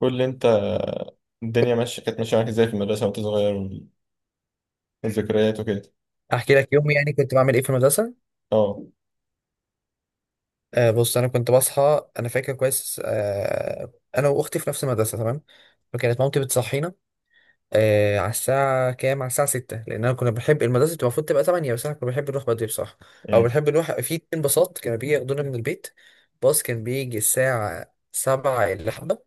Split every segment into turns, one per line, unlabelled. قول لي انت، الدنيا ماشيه كانت ماشيه معاك ازاي في المدرسه وانت صغير، والذكريات وكده؟
احكي لك يوم يعني كنت بعمل ايه في المدرسه.
اه.
بص انا كنت بصحى، انا فاكر كويس انا واختي في نفس المدرسه، تمام. فكانت مامتي بتصحينا على الساعه كام، على الساعه 6، لان انا كنا بنحب المدرسه. تبقى المفروض تبقى 8 بس احنا كنا بنحب نروح بدري بصراحه. او
امم.
بنحب نروح في اتنين باصات كانوا بيجي ياخدونا من البيت. باص كان بيجي الساعه 7 الا حبه،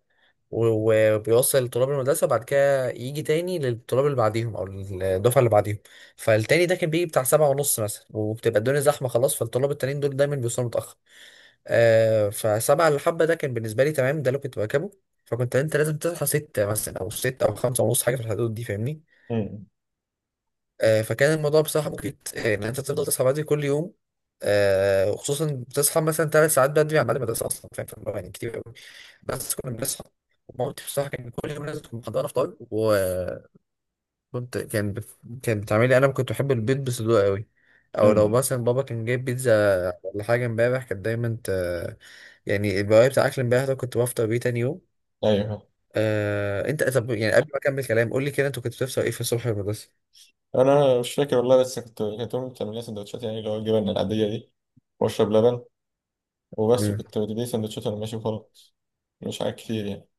وبيوصل طلاب المدرسة، بعد كده يجي تاني للطلاب اللي بعديهم أو الدفعة اللي بعديهم. فالتاني ده كان بيجي بتاع سبعة ونص مثلا، وبتبقى الدنيا زحمة خلاص، فالطلاب التانيين دول دايما بيوصلوا متأخر. فسبعة اللي حبة ده كان بالنسبة لي تمام، ده اللي كنت بركبه. فكنت انت لازم تصحى ستة مثلا، أو ستة أو خمسة ونص، حاجة في الحدود دي، فاهمني؟
امم.
فكان الموضوع بصراحة مجهد، إن أنت تفضل تصحى بدري كل يوم. وخصوصا بتصحى مثلا ثلاث ساعات بدري عن بعد المدرسة أصلا، فاهم؟ فاللي هو يعني كتير أوي. بس كنا بنصحى. مامتي بصراحة كان كل يوم لازم تكون محضرة فطار، كان بت... كانت بتعملي، أنا كنت بحب البيض بصدور قوي. أو لو
امم.
مثلا بابا كان جايب بيتزا ولا حاجة امبارح، يعني البواقي بتاع أكل امبارح، ده كنت بفطر بيه تاني يوم.
ايوه.
أنت، طب يعني قبل ما أكمل كلام، قول لي كده، أنت كنت بتفطر إيه في الصبح في المدرسة؟
انا مش فاكر والله، بس كنت كنت امي بتعمل لي سندوتشات، يعني اللي هو الجبن العاديه دي، واشرب لبن. وبس.
مم.
وكنت بدي سندوتشات وانا ماشي وخلاص. مش حاجات كتير يعني.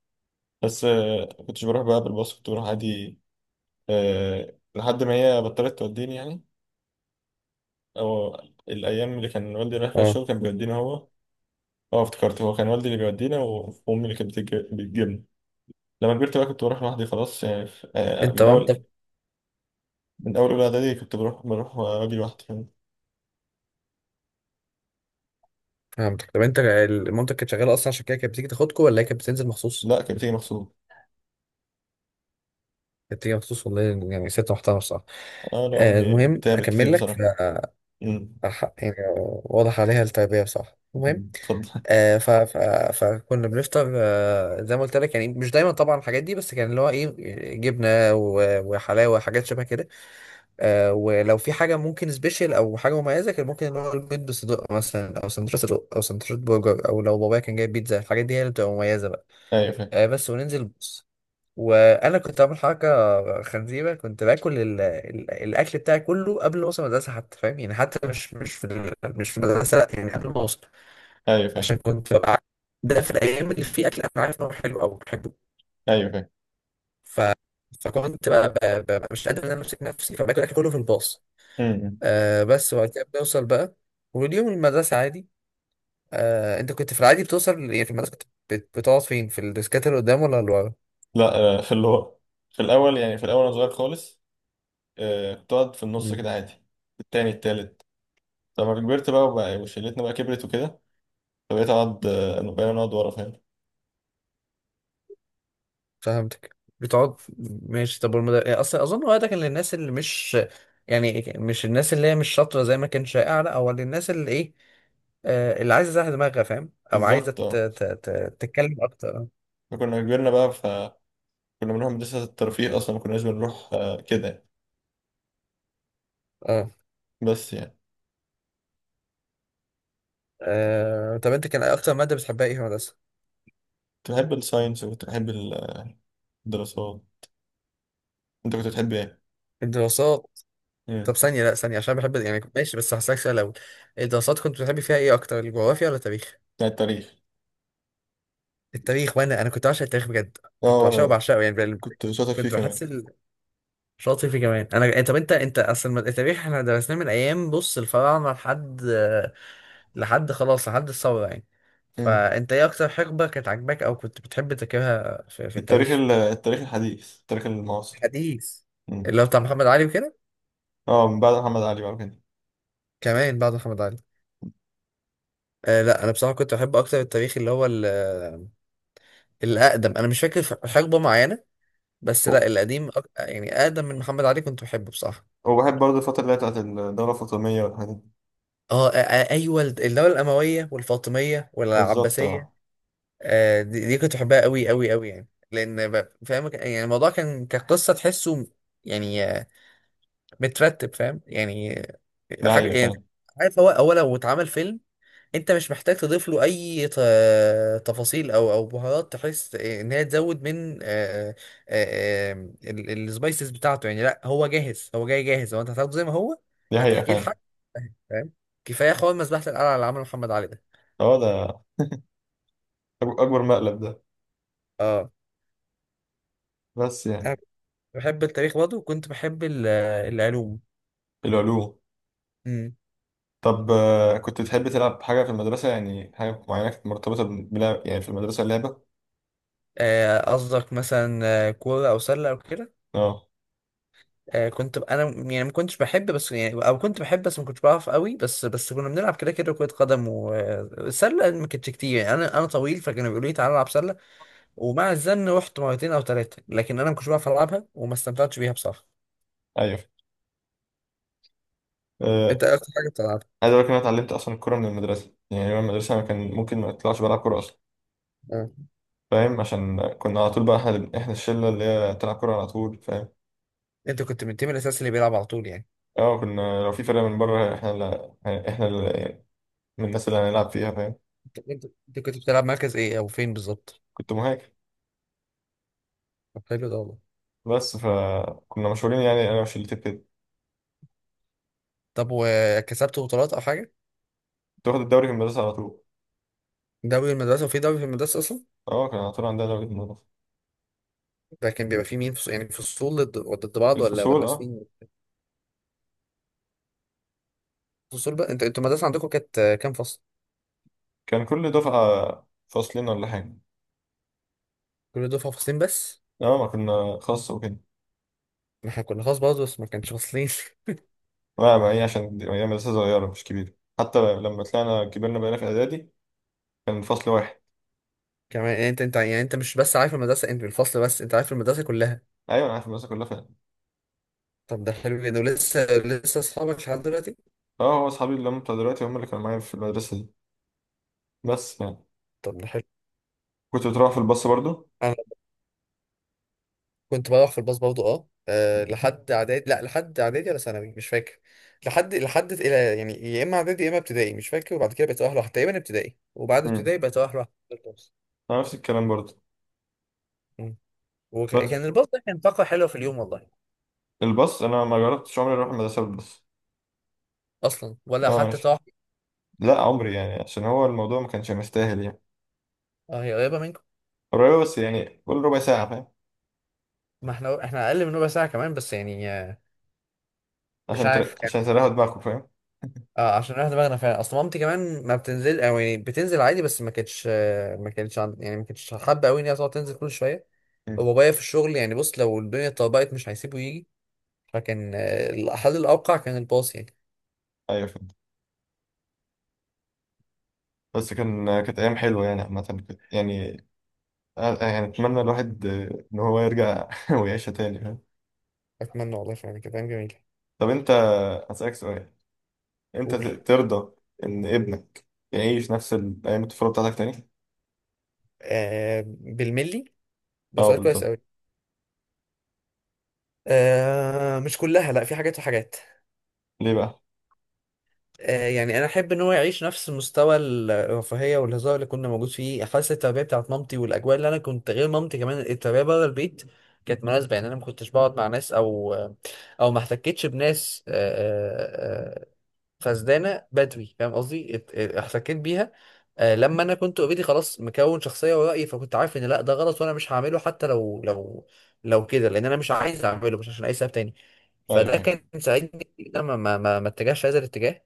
بس كنتش بروح بقى بالباص، كنت بروح عادي. لحد ما هي بطلت توديني يعني. او الايام اللي كان والدي رايح فيها
اه.
الشغل كان بيودينا هو. اه افتكرت هو كان والدي اللي بيودينا. وامي اللي كانت بتجيبنا. لما كبرت بقى كنت بروح لوحدي خلاص يعني في... آه،
انت
من
مامتك.
اول، من اول اولى اعدادي كنت بروح واجي لوحدي كمان.
فهمتك. طب انت مامتك كانت شغاله اصلا عشان كده كانت بتيجي تاخدكم، ولا هي كانت بتنزل مخصوص؟
لا، كانت بتيجي مغصوب.
كانت بتيجي مخصوص والله. يعني ست محترمه بصراحه.
اه لا، امي
المهم
تعبت كتير
اكمل لك،
بصراحه. أمم.
يعني واضح عليها التربيه بصراحه. المهم
اتفضل.
آه، ف... ف... فكنا بنفطر، زي ما قلت لك يعني، مش دايما طبعا الحاجات دي، بس كان اللي هو ايه؟ جبنه وحلاوه، حاجات شبه كده. ولو في حاجه ممكن سبيشال او حاجه مميزه، كان ممكن اللي هو البيض بصدق مثلا، او سندوتش صدق، او سندوتش برجر، او لو بابايا كان جايب بيتزا، الحاجات دي هي اللي بتبقى مميزه.
ايوه فاهم.
بس وننزل بص. وانا كنت عامل حركه خنزيره، كنت باكل الاكل بتاعي كله قبل ما اوصل المدرسه حتى، فاهم؟ يعني حتى مش في المدرسه، لأ، يعني قبل ما اوصل.
ايوه فاهم.
عشان كنت ببقى، ده في الايام اللي في اكل انا عارف انه حلو او بحبه.
ايوه فاهم.
ف... فكنت بقى مش قادر ان انا امسك نفسي، فباكل الاكل كله في الباص.
أمم.
بس وبعد كده بنوصل بقى، واليوم المدرسه عادي. انت كنت في العادي بتوصل، يعني في المدرسه كنت بتقعد فين؟ في الديسكات اللي قدام ولا اللي
لا، في اللي هو، في الاول يعني، في الاول انا صغير خالص. كنت اقعد في النص
ورا؟
كده عادي. التاني التالت. لما كبرت بقى وبقى وشلتنا، بقى كبرت وكده، فبقيت اقعد، بقينا نقعد ورا، فاهم.
فهمتك بتقعد. ماشي. طب يعني اصلا اظن هو ده كان للناس اللي مش، يعني مش الناس اللي هي مش شاطره زي ما كان شائع، لا هو للناس اللي ايه. اللي عايزه تزهق دماغها فاهم، او عايزه
بالظبط، اه.
تتكلم اكتر.
فكنا كبرنا بقى، فكنا بنروح مدرسة الترفيه أصلا، ما كناش بنروح كده.
اه.
بس يعني.
طب انت كان اكتر ماده بتحبها ايه في المدرسه؟
كنت بحب الساينس وكنت بحب الدراسات. انت كنت بتحب ايه؟
الدراسات.
مم.
طب ثانيه، لا ثانيه، عشان بحب يعني ماشي، بس هسألك سؤال الاول. الدراسات كنت بتحبي فيها ايه اكتر، الجغرافيا ولا التاريخ؟
بتاع التاريخ.
التاريخ. وانا كنت بعشق التاريخ بجد.
اه،
كنت بعشقه
وانا
بعشقه يعني
كنت شاطر فيه
كنت بحس
كمان.
شاطر فيه كمان انا. طب انت اصل التاريخ احنا درسناه من ايام، بص، الفراعنه لحد خلاص، لحد الثوره يعني.
مم.
فانت ايه اكتر حقبه كانت عاجباك او كنت بتحب تذاكرها في التاريخ؟
التاريخ الحديث، التاريخ المعاصر.
حديث.
مم.
اللي هو بتاع محمد علي وكده؟
اه، من بعد محمد علي بقى كده.
كمان بعد محمد علي. لا انا بصراحه كنت بحب اكتر التاريخ اللي هو الاقدم، انا مش فاكر حقبه معينه. بس لا، القديم، يعني اقدم من محمد علي كنت بحبه بصراحه.
وبحب برضه الفترة اللي هي بتاعت الدولة الفاطمية والحاجات دي.
اه. ايوه، الدوله الامويه والفاطميه
بالظبط،
والعباسيه.
اه.
دي كنت بحبها قوي قوي قوي يعني، لان فاهم، يعني الموضوع كان كقصه تحسه يعني، مترتب، فاهم يعني،
دي
حاجه
حقيقة
يعني.
فعلا.
عارف، هو هو لو اتعمل فيلم، انت مش محتاج تضيف له اي تفاصيل او بهارات، تحس ان هي تزود من السبايسز بتاعته يعني، لا هو جاهز، هو جاي جاهز، هو انت هتاخده زي ما هو.
دي حقيقة
هتحكيه
فعلا.
الحق، فاهم؟ كفايه حوار مذبحه القلعه اللي عمله محمد علي ده.
اه، ده أكبر مقلب ده.
اه.
بس
انا
يعني.
بحب التاريخ برضه، وكنت بحب العلوم.
العلوم.
مم.
طب كنت تحب تلعب حاجة في المدرسة، يعني حاجة معينة كانت مرتبطة بلعب يعني في المدرسة، اللعبة؟
قصدك مثلا، كورة أو سلة أو كده؟
اه.
كنت أنا يعني ما كنتش بحب، بس يعني أو كنت بحب بس ما كنتش بعرف قوي، بس كنا بنلعب كده كده كرة قدم، والسلة ما كانتش كتير يعني، أنا طويل فكانوا بيقولوا لي تعالى العب سلة. ومع الزن رحت مرتين أو ثلاثة، لكن أنا ما كنتش بعرف ألعبها وما استمتعتش بيها بصراحة.
ايوه.
أنت
آه،
إيه أكتر حاجة بتلعبها؟
عايز اقول لك إن انا اتعلمت اصلا الكوره من المدرسه، يعني يوم المدرسه انا كان ممكن ما اطلعش بلعب كوره اصلا،
أه.
فاهم. عشان كنا على طول بقى احنا الشله اللي هي بتلعب كوره على طول، فاهم.
أنت كنت من التيم الأساسي اللي بيلعب على طول يعني؟
اه، كنا لو في فرقه من بره احنا اللي، احنا اللي، من الناس اللي هنلعب فيها، فاهم.
أنت كنت بتلعب مركز إيه، أو فين بالظبط؟
كنت مهاجم.
طب حلو ده والله.
بس فكنا مشهورين يعني، انا وشلتي كده.
طب وكسبت بطولات أو حاجة؟
تاخد الدوري في المدرسه على طول.
دوري المدرسة؟ وفي دوري في المدرسة أصلا؟
اه، كان على طول عندنا دوري في المدرسه.
ده كان بيبقى فيه مين يعني فصول ضد بعض، ولا
الفصول،
ولا
اه.
سنين؟ فصول بقى. انت انتوا المدرسة عندكم كانت كام فصل؟
كان كل دفعه فصلين ولا حاجه.
كل دفعة فصلين بس؟
اه، ما كنا خاص وكده.
ما احنا كنا خاص برضه، بس ما كانش فصلين.
لا، ما هي عشان هي مدرسه صغيره، مش كبيره. حتى لما طلعنا كبرنا بقينا في اعدادي، كان فصل واحد.
كمان يعني، انت يعني، انت مش بس عارف المدرسة، انت الفصل بس، انت عارف المدرسة كلها.
ايوه، انا عارف المدرسه كلها فعلا.
طب ده حلو جدا، ولسه لسه اصحابك لحد دلوقتي؟
اه، هو اصحابي اللي هم بتوع دلوقتي هم اللي كانوا معايا في المدرسه دي. بس يعني.
طب ده حلو.
كنت بتروح في الباص برضو؟
انا كنت بروح في الباص برضه. اه. لحد اعدادي، لا لحد اعدادي ولا ثانوي، مش فاكر. لحد الى يعني، يا اما اعدادي يا اما ابتدائي، مش فاكر. وبعد كده بقيت اروح لوحدي تقريبا، ابتدائي، وبعد
امم.
ابتدائي بقيت اروح
انا نفس الكلام برضو.
لوحدي.
بس
وكان الباص ده كان طاقة حلوة في اليوم والله.
الباص، انا ما جربتش عمري اروح المدرسه بالباص.
أصلا، ولا
اه
أخدت
ماشي.
طاقة؟
لا، عمري، يعني عشان هو الموضوع ما كانش مستاهل يعني.
أه، هي قريبة منكم؟
قريب، بس يعني كل ربع ساعه فاهم.
ما احنا أقل من ربع ساعة كمان، بس يعني، مش عارف كان.
عشان تريحوا دماغكم، فاهم.
اه عشان راح دماغنا فعلا، أصل مامتي كمان ما بتنزل، أو يعني بتنزل عادي، بس ما كانتش، يعني ما كانتش حابة أوي إن هي تقعد تنزل كل شوية.
امم.
وبابايا في الشغل يعني، بص، لو الدنيا اتطبقت مش هيسيبه يجي. فكان الحل الأوقع كان الباص يعني.
ايوه فاهم. بس كانت ايام حلوه يعني عامه. يعني، يعني اتمنى الواحد ان هو يرجع ويعيشها تاني، فاهم.
أتمنى والله، فعلا كلام جميل.
طب انت، هسألك سؤال. انت
قول.
ترضى ان ابنك يعيش نفس ايام الطفوله بتاعتك تاني؟
بالملي. ده
اه
سؤال كويس
بالظبط.
أوي. مش كلها، لا في حاجات وحاجات.
ليه بقى؟
يعني انا احب ان هو يعيش نفس مستوى الرفاهيه والهزار اللي كنا موجود فيه، حاسه التربيه بتاعت مامتي والاجواء اللي انا كنت، غير مامتي كمان التربيه بره البيت كانت مناسبه، يعني انا ما كنتش بقعد مع ناس، او ما احتكتش بناس، فسدانه بدري، فاهم قصدي؟ احتكيت بيها لما انا كنت اوريدي خلاص مكون شخصيه ورأي، فكنت عارف ان لا ده غلط وانا مش هعمله حتى لو كده، لان انا مش عايز اعمله، مش عشان اي سبب تاني.
ايوه،
فده
ايوه.
كان ساعدني إن أنا ما اتجهش هذا الاتجاه.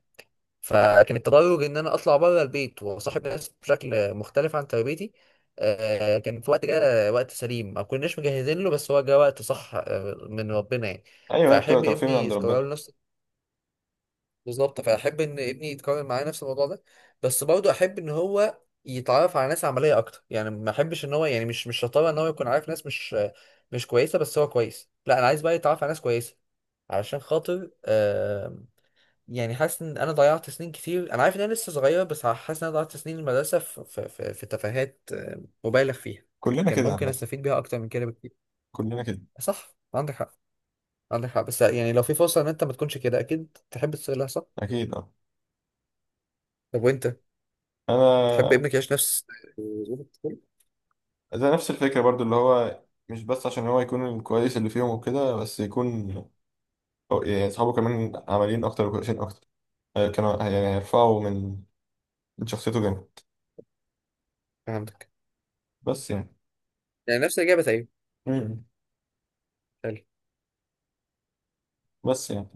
فكان التدرج ان انا اطلع بره البيت واصاحب ناس بشكل مختلف عن تربيتي. كان في وقت، جه وقت سليم ما كناش مجهزين له، بس هو جه وقت صح، من ربنا يعني.
ايوه، هي بتبقى
فاحب
توفيق من
ابني
عند
يتكرر
ربنا.
له نفس. بالظبط، فاحب ان ابني يتكرر معايا نفس الموضوع ده. بس برضه احب ان هو يتعرف على ناس عمليه اكتر، يعني ما احبش ان هو، يعني مش شطاره ان هو يكون عارف ناس مش كويسه بس هو كويس، لا انا عايز بقى يتعرف على ناس كويسه. علشان خاطر، يعني حاسس ان انا ضيعت سنين كتير، انا عارف ان انا لسه صغير، بس حاسس ان انا ضيعت سنين المدرسه في تفاهات مبالغ فيها.
كلنا
كان
كده
ممكن
عامه.
استفيد بيها اكتر من كده بكتير.
كلنا كده.
صح، عندك حق، عندك حق. بس يعني لو في فرصه ان انت ما تكونش كده، اكيد تحب تصير لها صح؟
اكيد، اه.
طب وانت تحب
انا،
ابنك يعيش نفس؟
ده نفس الفكره برضو، اللي هو مش بس عشان هو يكون الكويس اللي فيهم وكده، بس يكون يعني اصحابه كمان عمليين اكتر وكويسين اكتر. كانوا يعني هيرفعوا من، من شخصيته جامد.
عندك
بس يعني.
يعني نفس الاجابه تقريبا.
مم.
حلو.
بس يعني.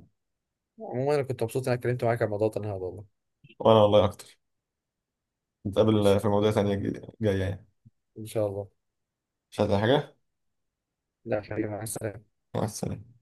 عموما انا كنت مبسوط ان انا اتكلمت معاك عن الموضوع ده النهارده والله.
وانا والله اكتر.
ماشي.
نتقابل في مواضيع تانية جاية يعني.
ان شاء الله.
مش عايز أي حاجة.
لا حبيبي، مع السلامه.
مع السلامة.